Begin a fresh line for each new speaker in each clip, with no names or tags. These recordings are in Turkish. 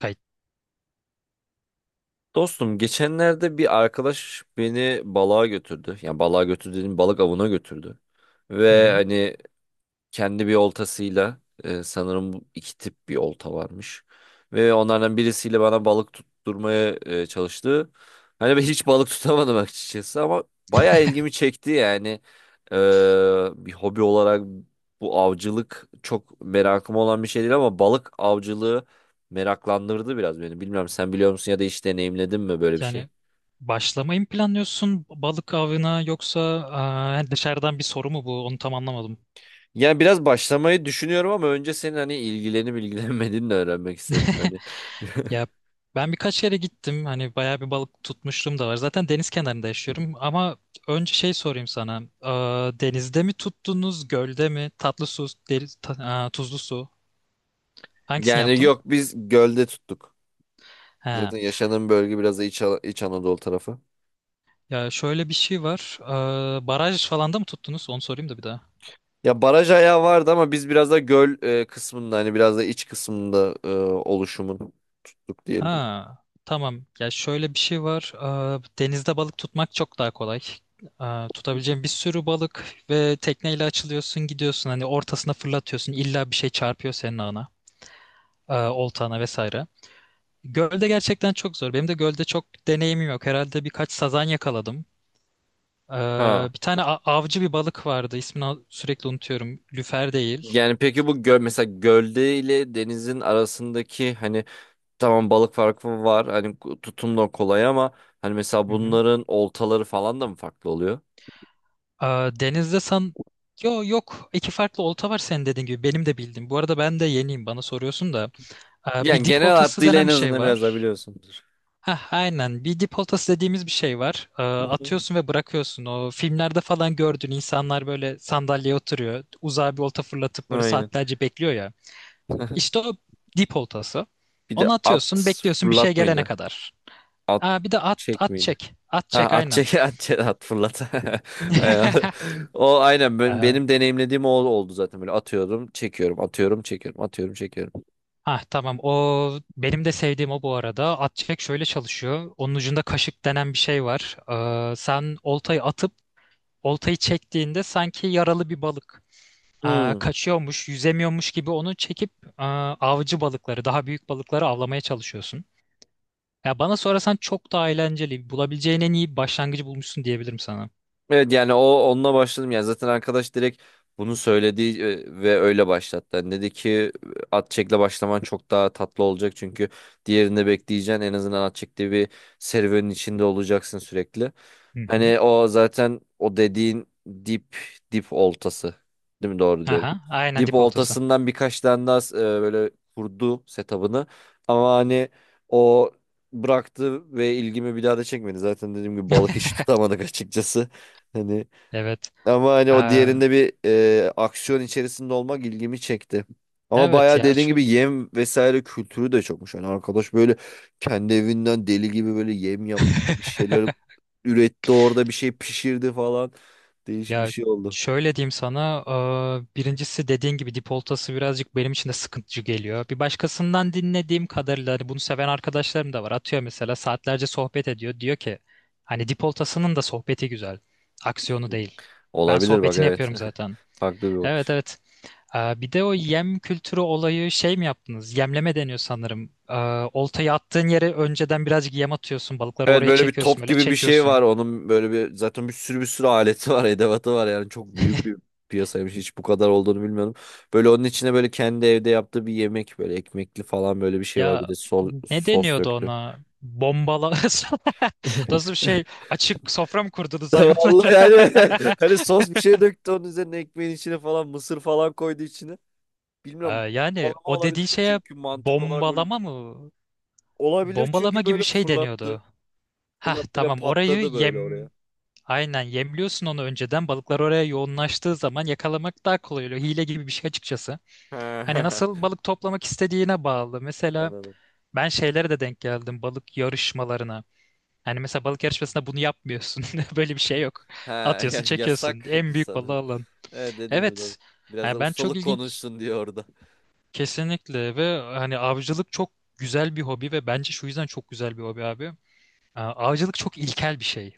Kay-
Dostum geçenlerde bir arkadaş beni balığa götürdü. Yani balığa götürdü dediğim balık avına götürdü.
Hı
Ve
hı.
hani kendi bir oltasıyla sanırım bu iki tip bir olta varmış. Ve onlardan birisiyle bana balık tutturmaya çalıştı. Hani ben hiç balık tutamadım açıkçası ama bayağı ilgimi çekti yani. E, Bir hobi olarak bu avcılık çok merakım olan bir şey değil ama balık avcılığı meraklandırdı biraz beni. Bilmem sen biliyor musun ya da hiç deneyimledin mi böyle bir şey?
Yani başlamayı mı planlıyorsun balık avına yoksa yani dışarıdan bir soru mu bu? Onu tam anlamadım.
Yani biraz başlamayı düşünüyorum ama önce senin hani ilgilenip ilgilenmediğini de öğrenmek isterim. Hani
Ya ben birkaç yere gittim. Hani bayağı bir balık tutmuşluğum da var. Zaten deniz kenarında yaşıyorum ama önce şey sorayım sana. Denizde mi tuttunuz, gölde mi? Tatlı su, deniz, tuzlu su. Hangisini
Yani
yaptın?
yok, biz gölde tuttuk.
He.
Zaten yaşadığım bölge biraz da İç Anadolu tarafı.
Ya şöyle bir şey var. Baraj falan da mı tuttunuz? Onu sorayım da bir daha.
Ya baraj ayağı vardı ama biz biraz da göl kısmında, hani biraz da iç kısmında oluşumun tuttuk diyelim.
Ha, tamam. Ya şöyle bir şey var. Denizde balık tutmak çok daha kolay. Tutabileceğin bir sürü balık ve tekneyle açılıyorsun, gidiyorsun. Hani ortasına fırlatıyorsun. İlla bir şey çarpıyor senin ağına, oltana vesaire. Gölde gerçekten çok zor. Benim de gölde çok deneyimim yok. Herhalde birkaç sazan yakaladım.
Ha.
Bir tane avcı bir balık vardı. İsmini sürekli unutuyorum. Lüfer değil.
Yani peki bu göl mesela, gölde ile denizin arasındaki hani tamam balık farkı var, hani tutum da kolay ama hani mesela
Hı hı.
bunların oltaları falan da mı farklı oluyor?
Aa, denizde san... Yo, yok. İki farklı olta var senin dediğin gibi. Benim de bildiğim. Bu arada ben de yeniyim bana soruyorsun da.
Yani
Bir dip
genel
oltası
hattıyla en
denen bir şey
azından biraz daha
var.
biliyorsundur.
Hah, aynen. Bir dip oltası dediğimiz bir şey var.
Hı hı.
Atıyorsun ve bırakıyorsun. O filmlerde falan gördüğün insanlar böyle sandalyeye oturuyor. Uzağa bir olta fırlatıp böyle
Aynen.
saatlerce bekliyor ya. İşte o dip oltası.
Bir de
Onu atıyorsun,
at
bekliyorsun bir şey
fırlat
gelene
mıydı?
kadar.
At
Aa, bir de at,
çek
at
miydi?
çek. At
Ha,
çek
at
aynen.
çek at çek, at fırlat. Aynen. O aynen
Ee,
benim deneyimlediğim o oldu zaten. Böyle atıyorum, çekiyorum, atıyorum, çekiyorum, atıyorum, çekiyorum.
Ha tamam o benim de sevdiğim o bu arada. At çek şöyle çalışıyor. Onun ucunda kaşık denen bir şey var. Sen oltayı atıp oltayı çektiğinde sanki yaralı bir balık
Hmm.
kaçıyormuş, yüzemiyormuş gibi onu çekip avcı balıkları, daha büyük balıkları avlamaya çalışıyorsun. Ya bana sorarsan çok daha eğlenceli. Bulabileceğin en iyi başlangıcı bulmuşsun diyebilirim sana.
Evet yani onunla başladım yani. Zaten arkadaş direkt bunu söyledi ve öyle başlattı. Yani dedi ki at çekle başlaman çok daha tatlı olacak, çünkü diğerinde bekleyeceksin, en azından at çektiği bir serüvenin içinde olacaksın sürekli.
Hı hı.
Hani o zaten, o dediğin dip dip oltası, değil mi, doğru diyorum.
Aha, aynen
Dip
dip oltası.
oltasından birkaç tane daha böyle kurdu setup'ını, ama hani o bıraktı ve ilgimi bir daha da çekmedi. Zaten dediğim gibi balık hiç tutamadık açıkçası. Hani
Evet.
ama hani o
Ee,
diğerinde bir aksiyon içerisinde olmak ilgimi çekti. Ama
evet
bayağı
ya
dediğin
çok.
gibi yem vesaire kültürü de çokmuş. Hani arkadaş böyle kendi evinden deli gibi böyle yem yaptı, bir şeyler üretti orada, bir şey pişirdi falan. Değişik bir
Ya
şey oldu.
şöyle diyeyim sana, birincisi dediğin gibi dipoltası birazcık benim için de sıkıntıcı geliyor. Bir başkasından dinlediğim kadarıyla hani bunu seven arkadaşlarım da var. Atıyor mesela saatlerce sohbet ediyor. Diyor ki hani dipoltasının da sohbeti güzel. Aksiyonu değil. Ben
Olabilir bak,
sohbetini
evet.
yapıyorum zaten.
Farklı bir
Evet,
bakış.
evet. Bir de o yem kültürü olayı şey mi yaptınız? Yemleme deniyor sanırım. Oltayı attığın yere önceden birazcık yem atıyorsun. Balıkları
Evet,
oraya
böyle bir
çekiyorsun
top
böyle
gibi bir şey var
çekiyorsun.
onun, böyle bir, zaten bir sürü aleti var, edevatı var yani, çok büyük bir piyasaymış, hiç bu kadar olduğunu bilmiyordum. Böyle onun içine böyle kendi evde yaptığı bir yemek, böyle ekmekli falan, böyle bir şey var, bir
Ya
de
ne
sos
deniyordu
döktü.
ona? Bombala. Nasıl bir şey? Açık sofra mı kurdunuz
Vallahi
hayvanlara?
yani hani sos bir şey döktü onun üzerine, ekmeğin içine falan, mısır falan koydu içine. Bilmiyorum,
Yani
balama
o
olabilir
dediği
yani,
şeye
çünkü mantık olarak böyle
bombalama mı?
olabilir,
Bombalama
çünkü
gibi bir
böyle
şey
fırlattı.
deniyordu. Hah
Fırlattı ve
tamam orayı
patladı böyle oraya.
yem... Aynen yemliyorsun onu önceden. Balıklar oraya yoğunlaştığı zaman yakalamak daha kolay oluyor. Hile gibi bir şey açıkçası. Hani nasıl balık toplamak istediğine bağlı. Mesela
Anladım.
ben şeylere de denk geldim balık yarışmalarına. Hani mesela balık yarışmasında bunu yapmıyorsun. Böyle bir şey yok.
Ha,
Atıyorsun, çekiyorsun.
yasak
En büyük balığı
sanırım.
alan.
Evet, dediğin gibi, doğru.
Evet.
Biraz
Yani
da
ben çok
ustalık
ilginç
konuşsun diyor orada.
kesinlikle ve hani avcılık çok güzel bir hobi ve bence şu yüzden çok güzel bir hobi abi. Avcılık çok ilkel bir şey.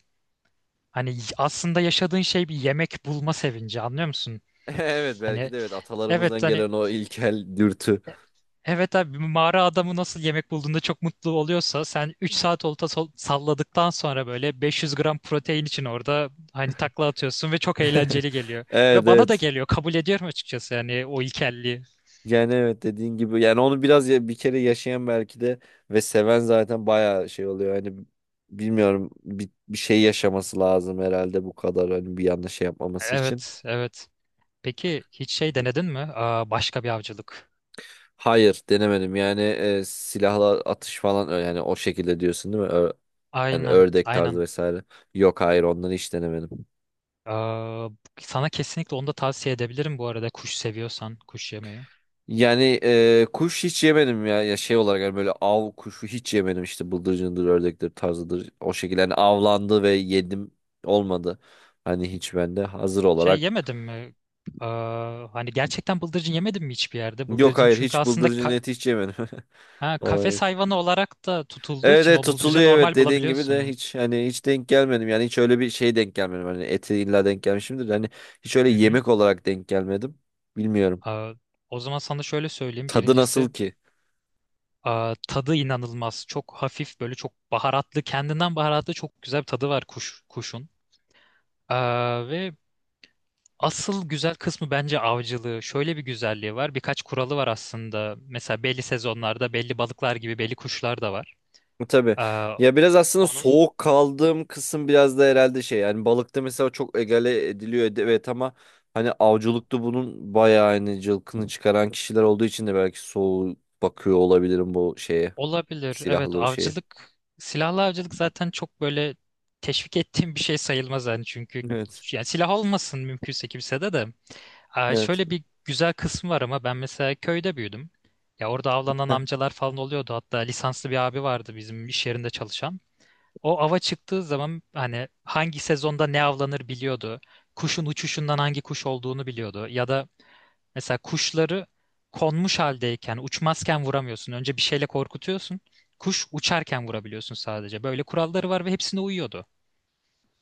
Hani aslında yaşadığın şey bir yemek bulma sevinci anlıyor musun?
Evet,
Hani
belki de, evet,
evet
atalarımızdan
hani
gelen o ilkel dürtü.
evet abi bir mağara adamı nasıl yemek bulduğunda çok mutlu oluyorsa sen 3 saat olta salladıktan sonra böyle 500 gram protein için orada hani takla atıyorsun ve çok eğlenceli geliyor.
Evet,
Ve bana da
evet.
geliyor kabul ediyorum açıkçası yani o ilkelliği.
Yani evet, dediğin gibi yani, onu biraz ya, bir kere yaşayan belki de ve seven zaten bayağı şey oluyor. Hani bilmiyorum, bir şey yaşaması lazım herhalde bu kadar, hani bir yanlış şey yapmaması için.
Evet, evet. Peki hiç şey denedin mi? Başka bir avcılık.
Hayır, denemedim yani, silahla atış falan, yani o şekilde diyorsun, değil mi? Yani
Aynen,
ördek tarzı
aynen.
vesaire. Yok, hayır, ondan hiç denemedim.
Aa, sana kesinlikle onu da tavsiye edebilirim bu arada kuş seviyorsan kuş yemeyi.
Yani kuş hiç yemedim ya. Ya şey olarak yani, böyle av kuşu hiç yemedim işte, bıldırcındır, ördektir, tarzıdır. O şekilde yani avlandı ve yedim, olmadı. Hani hiç bende hazır
Şey
olarak.
yemedin mi? Hani gerçekten bıldırcın yemedin mi hiçbir yerde?
Yok,
Bıldırcın
hayır,
çünkü
hiç
aslında
bıldırcın eti hiç yemedim.
ha,
Vallahi
kafes
evet.
hayvanı olarak da tutulduğu
Evet,
için
evet,
o bıldırcı
tutuluyor, evet,
normal
dediğin gibi de
bulabiliyorsun.
hiç, hani hiç denk gelmedim. Yani hiç öyle bir şey denk gelmedim. Hani eti illa denk gelmişimdir. Hani hiç öyle
Hı hı.
yemek olarak denk gelmedim. Bilmiyorum.
Aa, o zaman sana şöyle söyleyeyim.
Tadı nasıl
Birincisi
ki?
tadı inanılmaz. Çok hafif böyle çok baharatlı. Kendinden baharatlı çok güzel bir tadı var kuş, kuşun. Ve asıl güzel kısmı bence avcılığı. Şöyle bir güzelliği var. Birkaç kuralı var aslında. Mesela belli sezonlarda belli balıklar gibi belli kuşlar da var.
Tabii.
Aa,
Ya biraz aslında
onun
soğuk kaldığım kısım biraz da herhalde şey yani, balıkta mesela çok egale ediliyor evet, ama hani avcılıkta bunun bayağı hani cılkını çıkaran kişiler olduğu için de belki soğuk bakıyor olabilirim bu şeye,
Olabilir. Evet,
silahlı şeye.
avcılık, silahlı avcılık zaten çok böyle teşvik ettiğim bir şey sayılmaz yani çünkü
Evet.
yani silah olmasın mümkünse kimse de de.
Evet.
Şöyle bir güzel kısmı var ama ben mesela köyde büyüdüm. Ya orada avlanan
Heh.
amcalar falan oluyordu. Hatta lisanslı bir abi vardı bizim iş yerinde çalışan. O ava çıktığı zaman hani hangi sezonda ne avlanır biliyordu. Kuşun uçuşundan hangi kuş olduğunu biliyordu. Ya da mesela kuşları konmuş haldeyken, uçmazken vuramıyorsun. Önce bir şeyle korkutuyorsun. Kuş uçarken vurabiliyorsun sadece. Böyle kuralları var ve hepsine uyuyordu.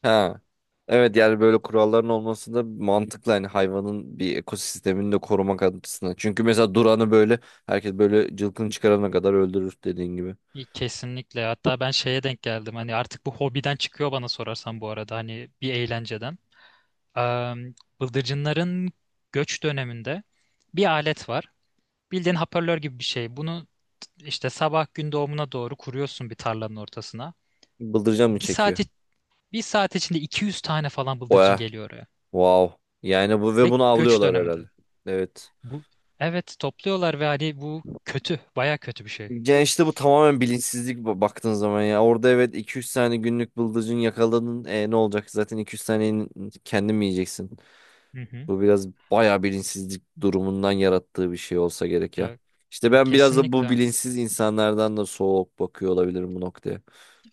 Ha. Evet yani böyle kuralların olması da mantıklı, hani hayvanın bir ekosistemini de korumak açısından. Çünkü mesela duranı böyle, herkes böyle cılkını çıkarana kadar öldürür dediğin gibi.
İyi, kesinlikle. Hatta ben şeye denk geldim. Hani artık bu hobiden çıkıyor bana sorarsan bu arada. Hani bir eğlenceden. Eee, bıldırcınların göç döneminde bir alet var. Bildiğin hoparlör gibi bir şey. Bunu işte sabah gün doğumuna doğru kuruyorsun bir tarlanın ortasına.
Bıldırcın mı
Bir saat,
çekiyor?
bir saat içinde 200 tane falan bıldırcın
Oya.
geliyor oraya.
Wow. Yani bu, ve
Ve
bunu
göç
avlıyorlar herhalde.
döneminde.
Evet.
Bu evet topluyorlar ve hani bu kötü, baya kötü bir şey.
Yani işte bu tamamen bilinçsizlik baktığın zaman ya. Orada evet iki üç tane günlük bıldırcın yakaladın. Ne olacak? Zaten iki üç taneyi kendin mi yiyeceksin?
Hı hı.
Bu biraz bayağı bilinçsizlik durumundan yarattığı bir şey olsa gerek ya.
Ya,
İşte
ya
ben biraz da bu
kesinlikle.
bilinçsiz insanlardan da soğuk bakıyor olabilirim bu noktaya.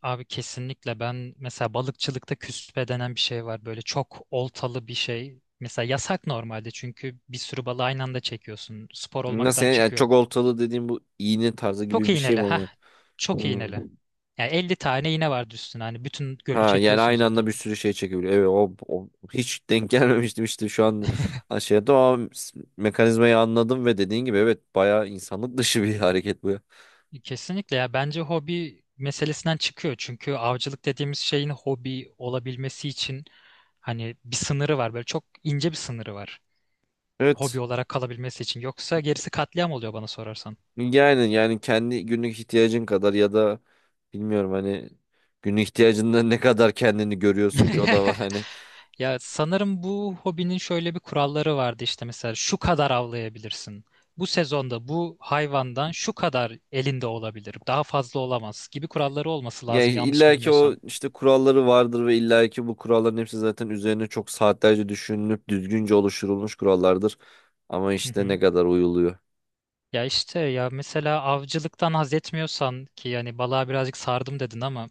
Abi kesinlikle ben mesela balıkçılıkta küspe denen bir şey var. Böyle çok oltalı bir şey. Mesela yasak normalde çünkü bir sürü balığı aynı anda çekiyorsun. Spor
Nasıl
olmaktan
yani,
çıkıyor.
çok oltalı dediğim bu iğne tarzı
Çok
gibi bir şey
iğneli.
mi
Ha
oluyor?
Çok
Hmm.
iğneli. Yani 50 tane iğne vardı üstüne. Hani bütün gölü
Ha, yani
çekiyorsun
aynı anda bir
zaten.
sürü şey çekebiliyor. Evet, hiç denk gelmemiştim, işte şu an şey, o mekanizmayı anladım ve dediğin gibi evet, bayağı insanlık dışı bir hareket bu, ya.
Kesinlikle ya bence hobi meselesinden çıkıyor. Çünkü avcılık dediğimiz şeyin hobi olabilmesi için hani bir sınırı var. Böyle çok ince bir sınırı var. Hobi
Evet
olarak kalabilmesi için. Yoksa gerisi katliam oluyor bana sorarsan.
yani, kendi günlük ihtiyacın kadar ya da bilmiyorum, hani günlük ihtiyacından ne kadar kendini görüyorsun ki, o da var hani.
Ya sanırım bu hobinin şöyle bir kuralları vardı işte mesela şu kadar avlayabilirsin. Bu sezonda bu hayvandan şu kadar elinde olabilir. Daha fazla olamaz gibi kuralları olması
Yani
lazım yanlış
illa ki o
bilmiyorsam.
işte kuralları vardır ve illa ki bu kuralların hepsi zaten üzerine çok saatlerce düşünülüp düzgünce oluşturulmuş kurallardır. Ama işte, ne kadar uyuluyor.
Ya işte ya mesela avcılıktan haz etmiyorsan ki yani balığa birazcık sardım dedin ama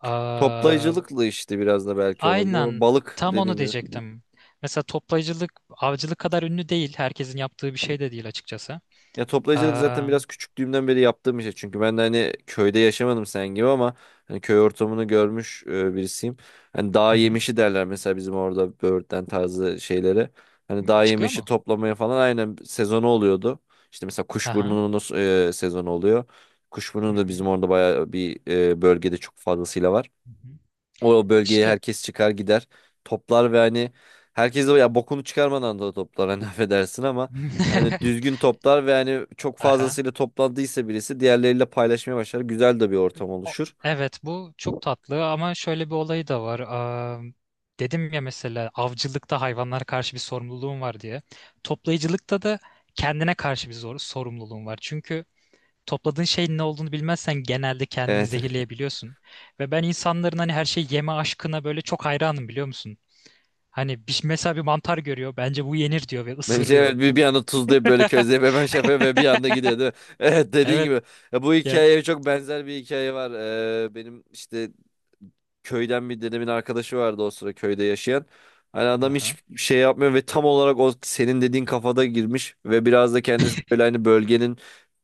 aa,
Toplayıcılıkla işte biraz da belki olabilir ama
aynen
balık
tam onu
dediğin gibi.
diyecektim. Mesela toplayıcılık avcılık kadar ünlü değil. Herkesin yaptığı bir şey de değil açıkçası.
Ya toplayıcılık zaten
Aa,
biraz küçüklüğümden beri yaptığım bir şey. Çünkü ben de hani köyde yaşamadım sen gibi ama hani köy ortamını görmüş birisiyim. Hani dağ
hı hı.
yemişi derler mesela bizim orada böğürtlen tarzı şeylere. Hani
Hı,
dağ
çıkıyor
yemişi
mu?
toplamaya falan, aynen, sezonu oluyordu. İşte mesela
Aha.
kuşburnunun sezonu oluyor.
Hı
Kuşburnu da
hı.
bizim orada bayağı bir bölgede çok fazlasıyla var.
Hı hı.
O bölgeye
İşte.
herkes çıkar gider. Toplar ve hani, herkes de ya bokunu çıkarmadan da toplar hani affedersin ama hani düzgün toplar ve hani çok
Aha.
fazlasıyla toplandıysa birisi diğerleriyle paylaşmaya başlar. Güzel de bir ortam
O-
oluşur.
evet bu çok tatlı ama şöyle bir olayı da var. Dedim ya mesela avcılıkta hayvanlara karşı bir sorumluluğum var diye. Toplayıcılıkta da kendine karşı bir zor sorumluluğum var. Çünkü topladığın şeyin ne olduğunu bilmezsen genelde kendini
Evet.
zehirleyebiliyorsun. Ve ben insanların hani her şeyi yeme aşkına böyle çok hayranım biliyor musun? Hani bir, mesela bir mantar görüyor bence bu yenir diyor ve
Bence
ısırıyor.
evet, bir
Bu,
anda tuzlayıp böyle közleyip hemen şey yapıyor ve bir anda gidiyor, değil mi? Evet, dediğin
evet
gibi. Ya, bu
ya.
hikayeye çok benzer bir hikaye var. Benim işte köyden bir dedemin arkadaşı vardı o sıra köyde yaşayan. Hani adam hiç
Aha.
şey yapmıyor ve tam olarak o senin dediğin kafada girmiş ve biraz da kendisi böyle hani bölgenin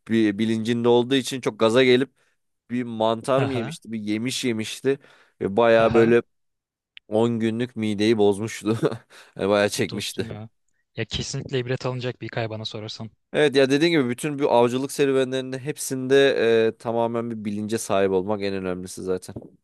bir bilincinde olduğu için çok gaza gelip bir mantar mı
Aha.
yemişti, bir yemiş yemişti ve bayağı
Aha.
böyle 10 günlük mideyi bozmuştu. Yani bayağı
Dostum
çekmişti.
ya. Ya kesinlikle ibret alınacak bir hikaye bana sorarsan.
Evet ya, dediğin gibi, bütün bu avcılık serüvenlerinde hepsinde tamamen bir bilince sahip olmak en önemlisi zaten.